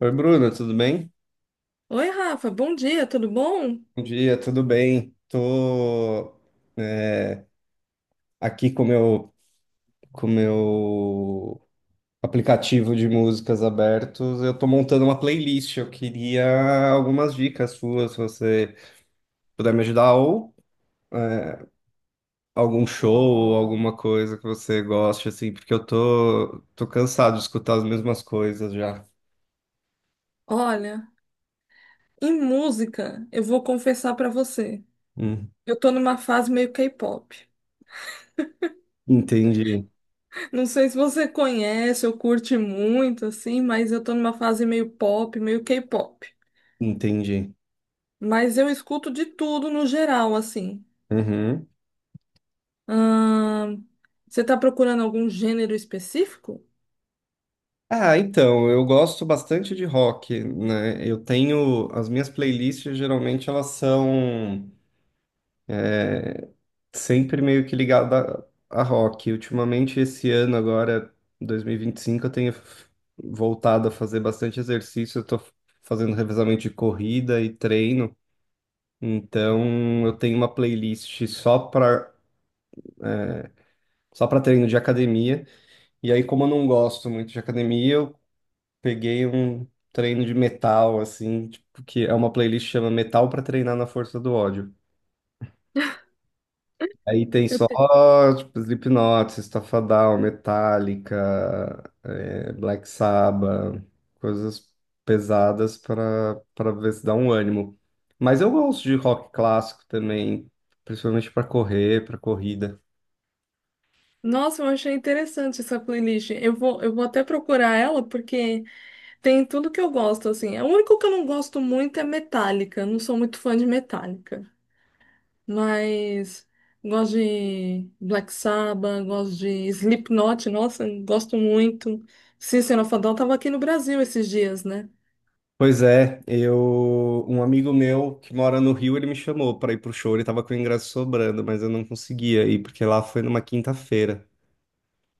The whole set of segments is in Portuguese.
Oi, Bruno, tudo bem? Oi, Rafa, bom dia, tudo bom? Bom dia, tudo bem? Tô é, aqui com meu aplicativo de músicas abertos. Eu tô montando uma playlist. Eu queria algumas dicas suas, se você puder me ajudar, ou é, algum show, ou alguma coisa que você goste, assim, porque eu tô cansado de escutar as mesmas coisas já. Olha, em música, eu vou confessar pra você. Hum, Eu tô numa fase meio K-pop. entendi, Não sei se você conhece ou curte muito, assim, mas eu tô numa fase meio pop, meio K-pop. entendi. Mas eu escuto de tudo no geral, assim. Uhum. Ahn, Você tá procurando algum gênero específico? Ah, então, eu gosto bastante de rock, né? As minhas playlists geralmente elas são é, sempre meio que ligadas a rock. Ultimamente, esse ano agora, dois mil e vinte e cinco, eu tenho voltado a fazer bastante exercício, eu tô fazendo revezamento de corrida e treino, então eu tenho uma playlist só para treino de academia, e aí como eu não gosto muito de academia, eu peguei um treino de metal, assim, tipo, que é uma playlist que chama Metal pra Treinar na Força do Ódio. Aí tem Eu só, te- tipo, Slipknot, System of a Down, Metallica, Black Sabbath, coisas pesadas para ver se dá um ânimo. Mas eu gosto de rock clássico também, principalmente para correr, para corrida. Nossa, eu achei interessante essa playlist. Eu vou até procurar ela, porque. Tem tudo que eu gosto, assim. O único que eu não gosto muito é Metallica. Não sou muito fã de Metallica. Mas gosto de Black Sabbath, gosto de Slipknot, nossa, gosto muito. System of a Down tava aqui no Brasil esses dias, né? Pois é, eu um amigo meu que mora no Rio, ele me chamou para ir pro show, ele tava com o ingresso sobrando, mas eu não conseguia ir porque lá foi numa quinta-feira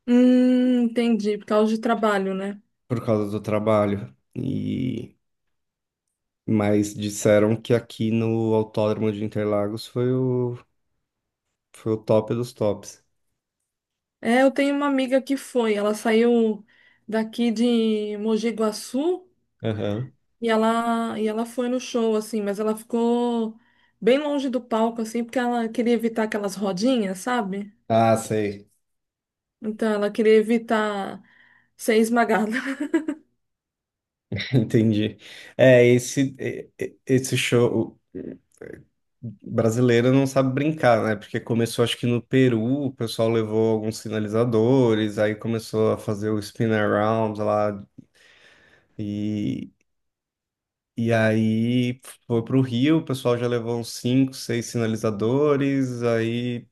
Entendi, por causa de trabalho, né? por causa do trabalho. Mas disseram que aqui no Autódromo de Interlagos foi o top dos tops. É, eu tenho uma amiga que foi, ela saiu daqui de Mogi Guaçu. Aham. E ela foi no show, assim, mas ela ficou bem longe do palco, assim, porque ela queria evitar aquelas rodinhas, sabe? Ah, sei. Então ela queria evitar ser esmagada. Entendi. É, esse show. Brasileiro não sabe brincar, né? Porque começou, acho que no Peru, o pessoal levou alguns sinalizadores, aí começou a fazer o spin around lá, e, e aí foi pro Rio, o pessoal já levou uns cinco, seis sinalizadores, aí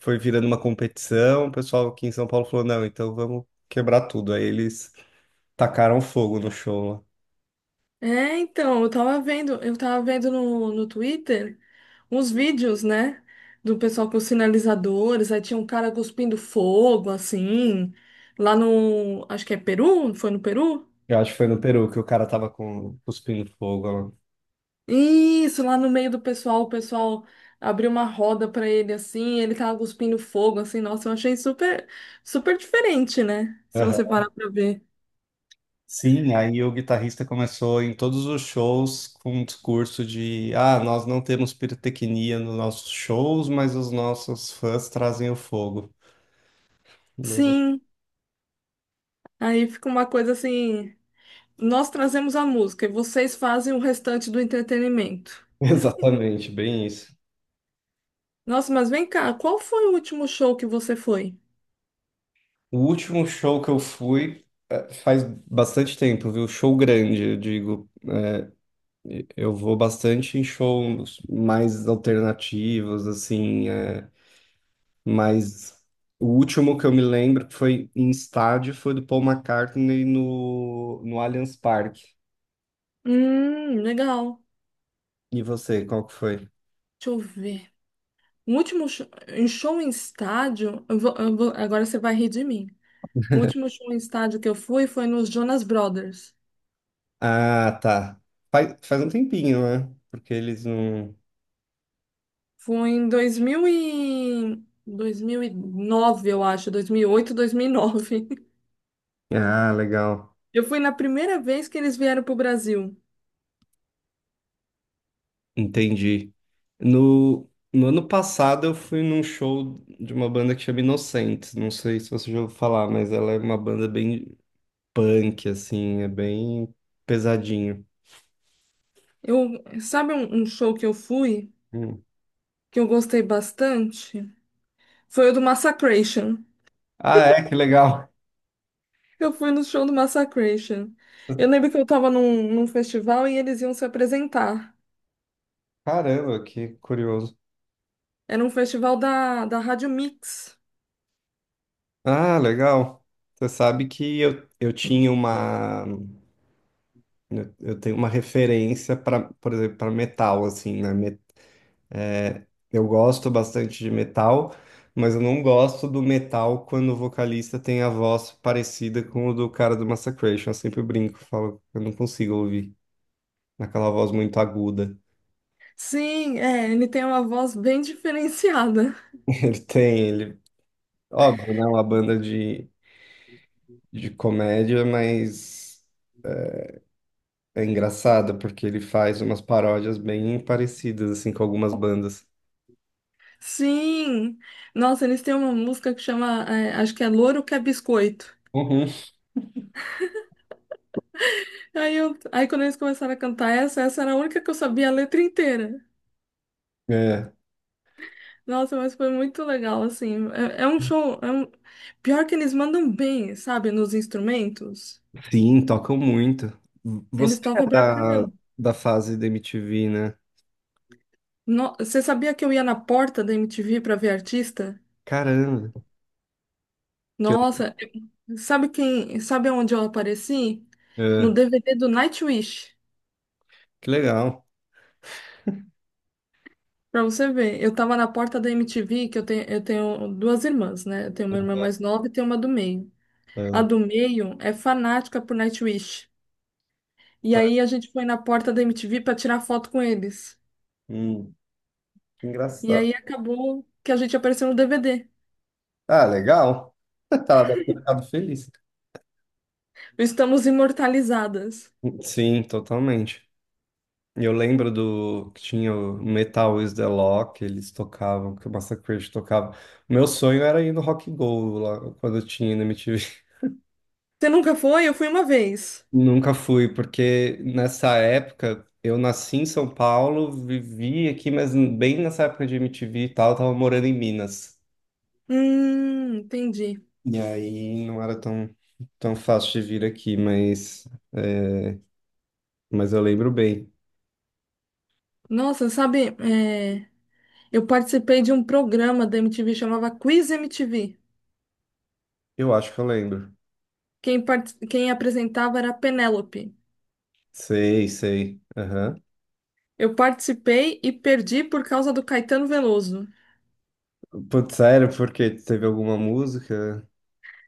foi virando uma competição, o pessoal aqui em São Paulo falou, não, então vamos quebrar tudo. Aí eles tacaram fogo no show lá. É, então, eu tava vendo no Twitter uns vídeos, né? Do pessoal com os sinalizadores, aí tinha um cara cuspindo fogo, assim, lá no, acho que é Peru, foi no Peru? Eu acho que foi no Peru que o cara tava com cuspindo fogo Isso, lá no meio do pessoal, o pessoal abriu uma roda pra ele assim, ele tava cuspindo fogo assim. Nossa, eu achei super super diferente, né? Se lá. você parar pra ver. Sim, aí o guitarrista começou em todos os shows com um discurso de: ah, nós não temos pirotecnia nos nossos shows, mas os nossos fãs trazem o fogo. Bem- Sim, aí fica uma coisa assim, nós trazemos a música e vocês fazem o restante do entretenimento. Exatamente, bem isso. Nossa, mas vem cá, qual foi o último show que você foi? O último show que eu fui faz bastante tempo, viu? Show grande, eu digo. Eu vou bastante em shows mais alternativos, assim. Mas o último que eu me lembro que foi em estádio foi do Paul McCartney no Allianz Parque. Legal. E você, qual que foi? Deixa eu ver. O último show em estádio, agora você vai rir de mim. O último show em estádio que eu fui foi nos Jonas Brothers. Ah, tá. Faz um tempinho, né? Porque eles não. Foi em 2009, eu acho, 2008, 2009. Ah, legal. Eu fui na primeira vez que eles vieram para o Brasil. Entendi. No ano passado eu fui num show de uma banda que chama Inocentes. Não sei se você já ouviu falar, mas ela é uma banda bem punk, assim, é bem pesadinho. Eu, sabe um show que eu fui, Hum. que eu gostei bastante? Foi o do Massacration. Ah, é? Que legal. Eu fui no show do Massacration. Eu lembro que eu estava num festival e eles iam se apresentar. Caramba, que curioso. Era um festival da Rádio Mix. Ah, legal. Você sabe que eu tenho uma referência para, por exemplo, para metal assim, né? Eu gosto bastante de metal, mas eu não gosto do metal quando o vocalista tem a voz parecida com o do cara do Massacration. Eu sempre brinco, falo, que eu não consigo ouvir naquela voz muito aguda. Sim, é, ele tem uma voz bem diferenciada. Ele tem, ele, óbvio, né? Uma banda de, comédia, mas é engraçado porque ele faz umas paródias bem parecidas assim com algumas bandas. Sim! Nossa, eles têm uma música que chama, é, acho que é Louro que é Biscoito. Uhum. Aí, quando eles começaram a cantar essa era a única que eu sabia a letra inteira. É, Nossa, mas foi muito legal, assim. É um show. Pior que eles mandam bem, sabe, nos instrumentos. sim, tocam muito. Você Eles é tocam pra da, caramba. da fase da MTV, né? Você sabia que eu ia na porta da MTV pra ver artista? Caramba, que, Nossa, sabe onde eu apareci? é, No DVD do Nightwish. que legal. Pra você ver, eu tava na porta da MTV, que eu tenho duas irmãs, né? Eu tenho uma irmã mais nova e tenho uma do meio. A É, do meio é fanática por Nightwish. E é, aí a gente foi na porta da MTV pra tirar foto com eles. hum, que E engraçado. aí acabou que a gente apareceu no DVD. Ah, legal. Tá, deve ter ficado feliz. Estamos imortalizadas. Sim, totalmente. Eu lembro do que tinha o Metal is the Law, que eles tocavam, que o Massacre tocava. Meu sonho era ir no Rock Go lá, quando eu tinha na MTV. Você nunca foi? Eu fui uma vez. Nunca fui, porque nessa época eu nasci em São Paulo, vivi aqui, mas bem nessa época de MTV e tal, eu tava morando em Minas. Entendi. E aí não era tão, tão fácil de vir aqui, mas eu lembro bem. Nossa, sabe, é, eu participei de um programa da MTV, chamava Quiz MTV. Eu acho que eu lembro. Quem apresentava era a Penélope. Sei, sei. Aham. Eu participei e perdi por causa do Caetano Veloso. Putz, sério, porque teve alguma música?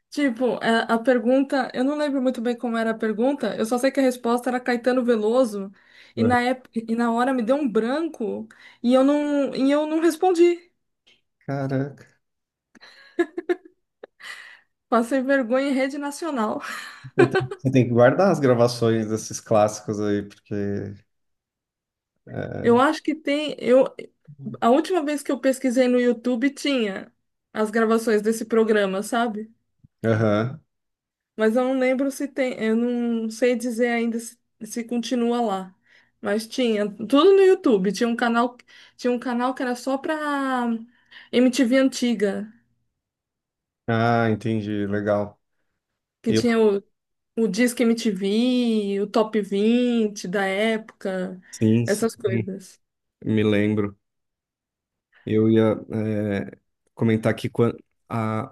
Tipo, a pergunta, eu não lembro muito bem como era a pergunta, eu só sei que a resposta era Caetano Veloso, e Aham. na época, e na hora me deu um branco e eu não respondi. Caraca. Passei vergonha em rede nacional. Você tem que guardar as gravações desses clássicos aí, porque. Eu é, acho que tem, a última vez que eu pesquisei no YouTube tinha as gravações desse programa, sabe? Aham. Mas eu não lembro se tem, eu não sei dizer ainda se continua lá. Mas tinha tudo no YouTube. Tinha um canal que era só pra MTV antiga, Ah, entendi. Legal. que Eu tinha o Disque MTV, o Top 20 da época, Sim, sim. essas coisas. Me lembro. Eu ia comentar que há,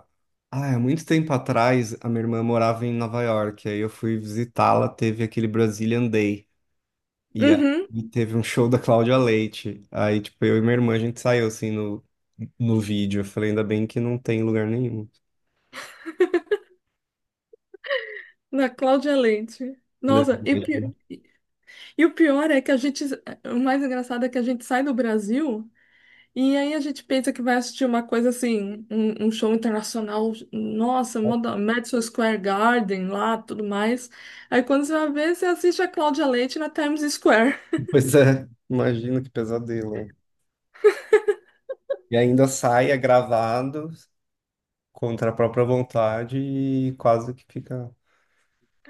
há muito tempo atrás, a minha irmã morava em Nova York. Aí eu fui visitá-la, teve aquele Brazilian Day. E aí Uhum, teve um show da Cláudia Leite. Aí, tipo, eu e minha irmã, a gente saiu, assim, no vídeo. Eu falei, ainda bem que não tem em lugar nenhum, da Cláudia Leite. né? Nossa, e o pior é que a gente, o mais engraçado é que a gente sai do Brasil. E aí a gente pensa que vai assistir uma coisa assim, um show internacional, nossa, Madison Square Garden lá, tudo mais. Aí quando você vai ver, você assiste a Cláudia Leite na Times Square. Pois é, imagina que pesadelo. E ainda sai, é gravado, contra a própria vontade e quase que fica.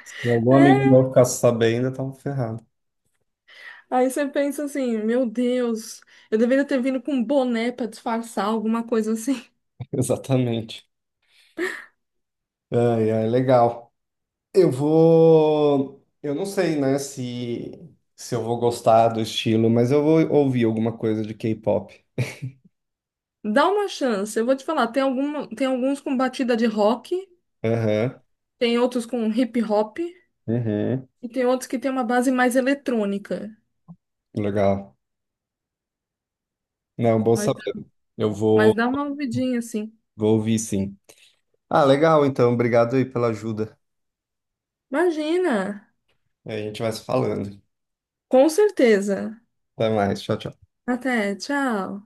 Se algum amigo É. meu ficasse sabendo, eu tava ferrado. Aí você pensa assim, meu Deus, eu deveria ter vindo com um boné para disfarçar, alguma coisa assim. Exatamente. Ai, ai, legal. Eu vou. Eu não sei, né, se eu vou gostar do estilo, mas eu vou ouvir alguma coisa de K-pop. Dá uma chance, eu vou te falar, tem alguma, tem alguns com batida de rock, Aham. tem outros com hip hop, e Uhum. tem outros que tem uma base mais eletrônica. Legal. Não, bom Mas, saber. Eu mas, vou, dá uma ouvidinha assim. vou ouvir sim. Ah, legal, então. Obrigado aí pela ajuda. Imagina! A gente vai se falando. Com certeza. Até mais. Tchau, tchau. Até, tchau.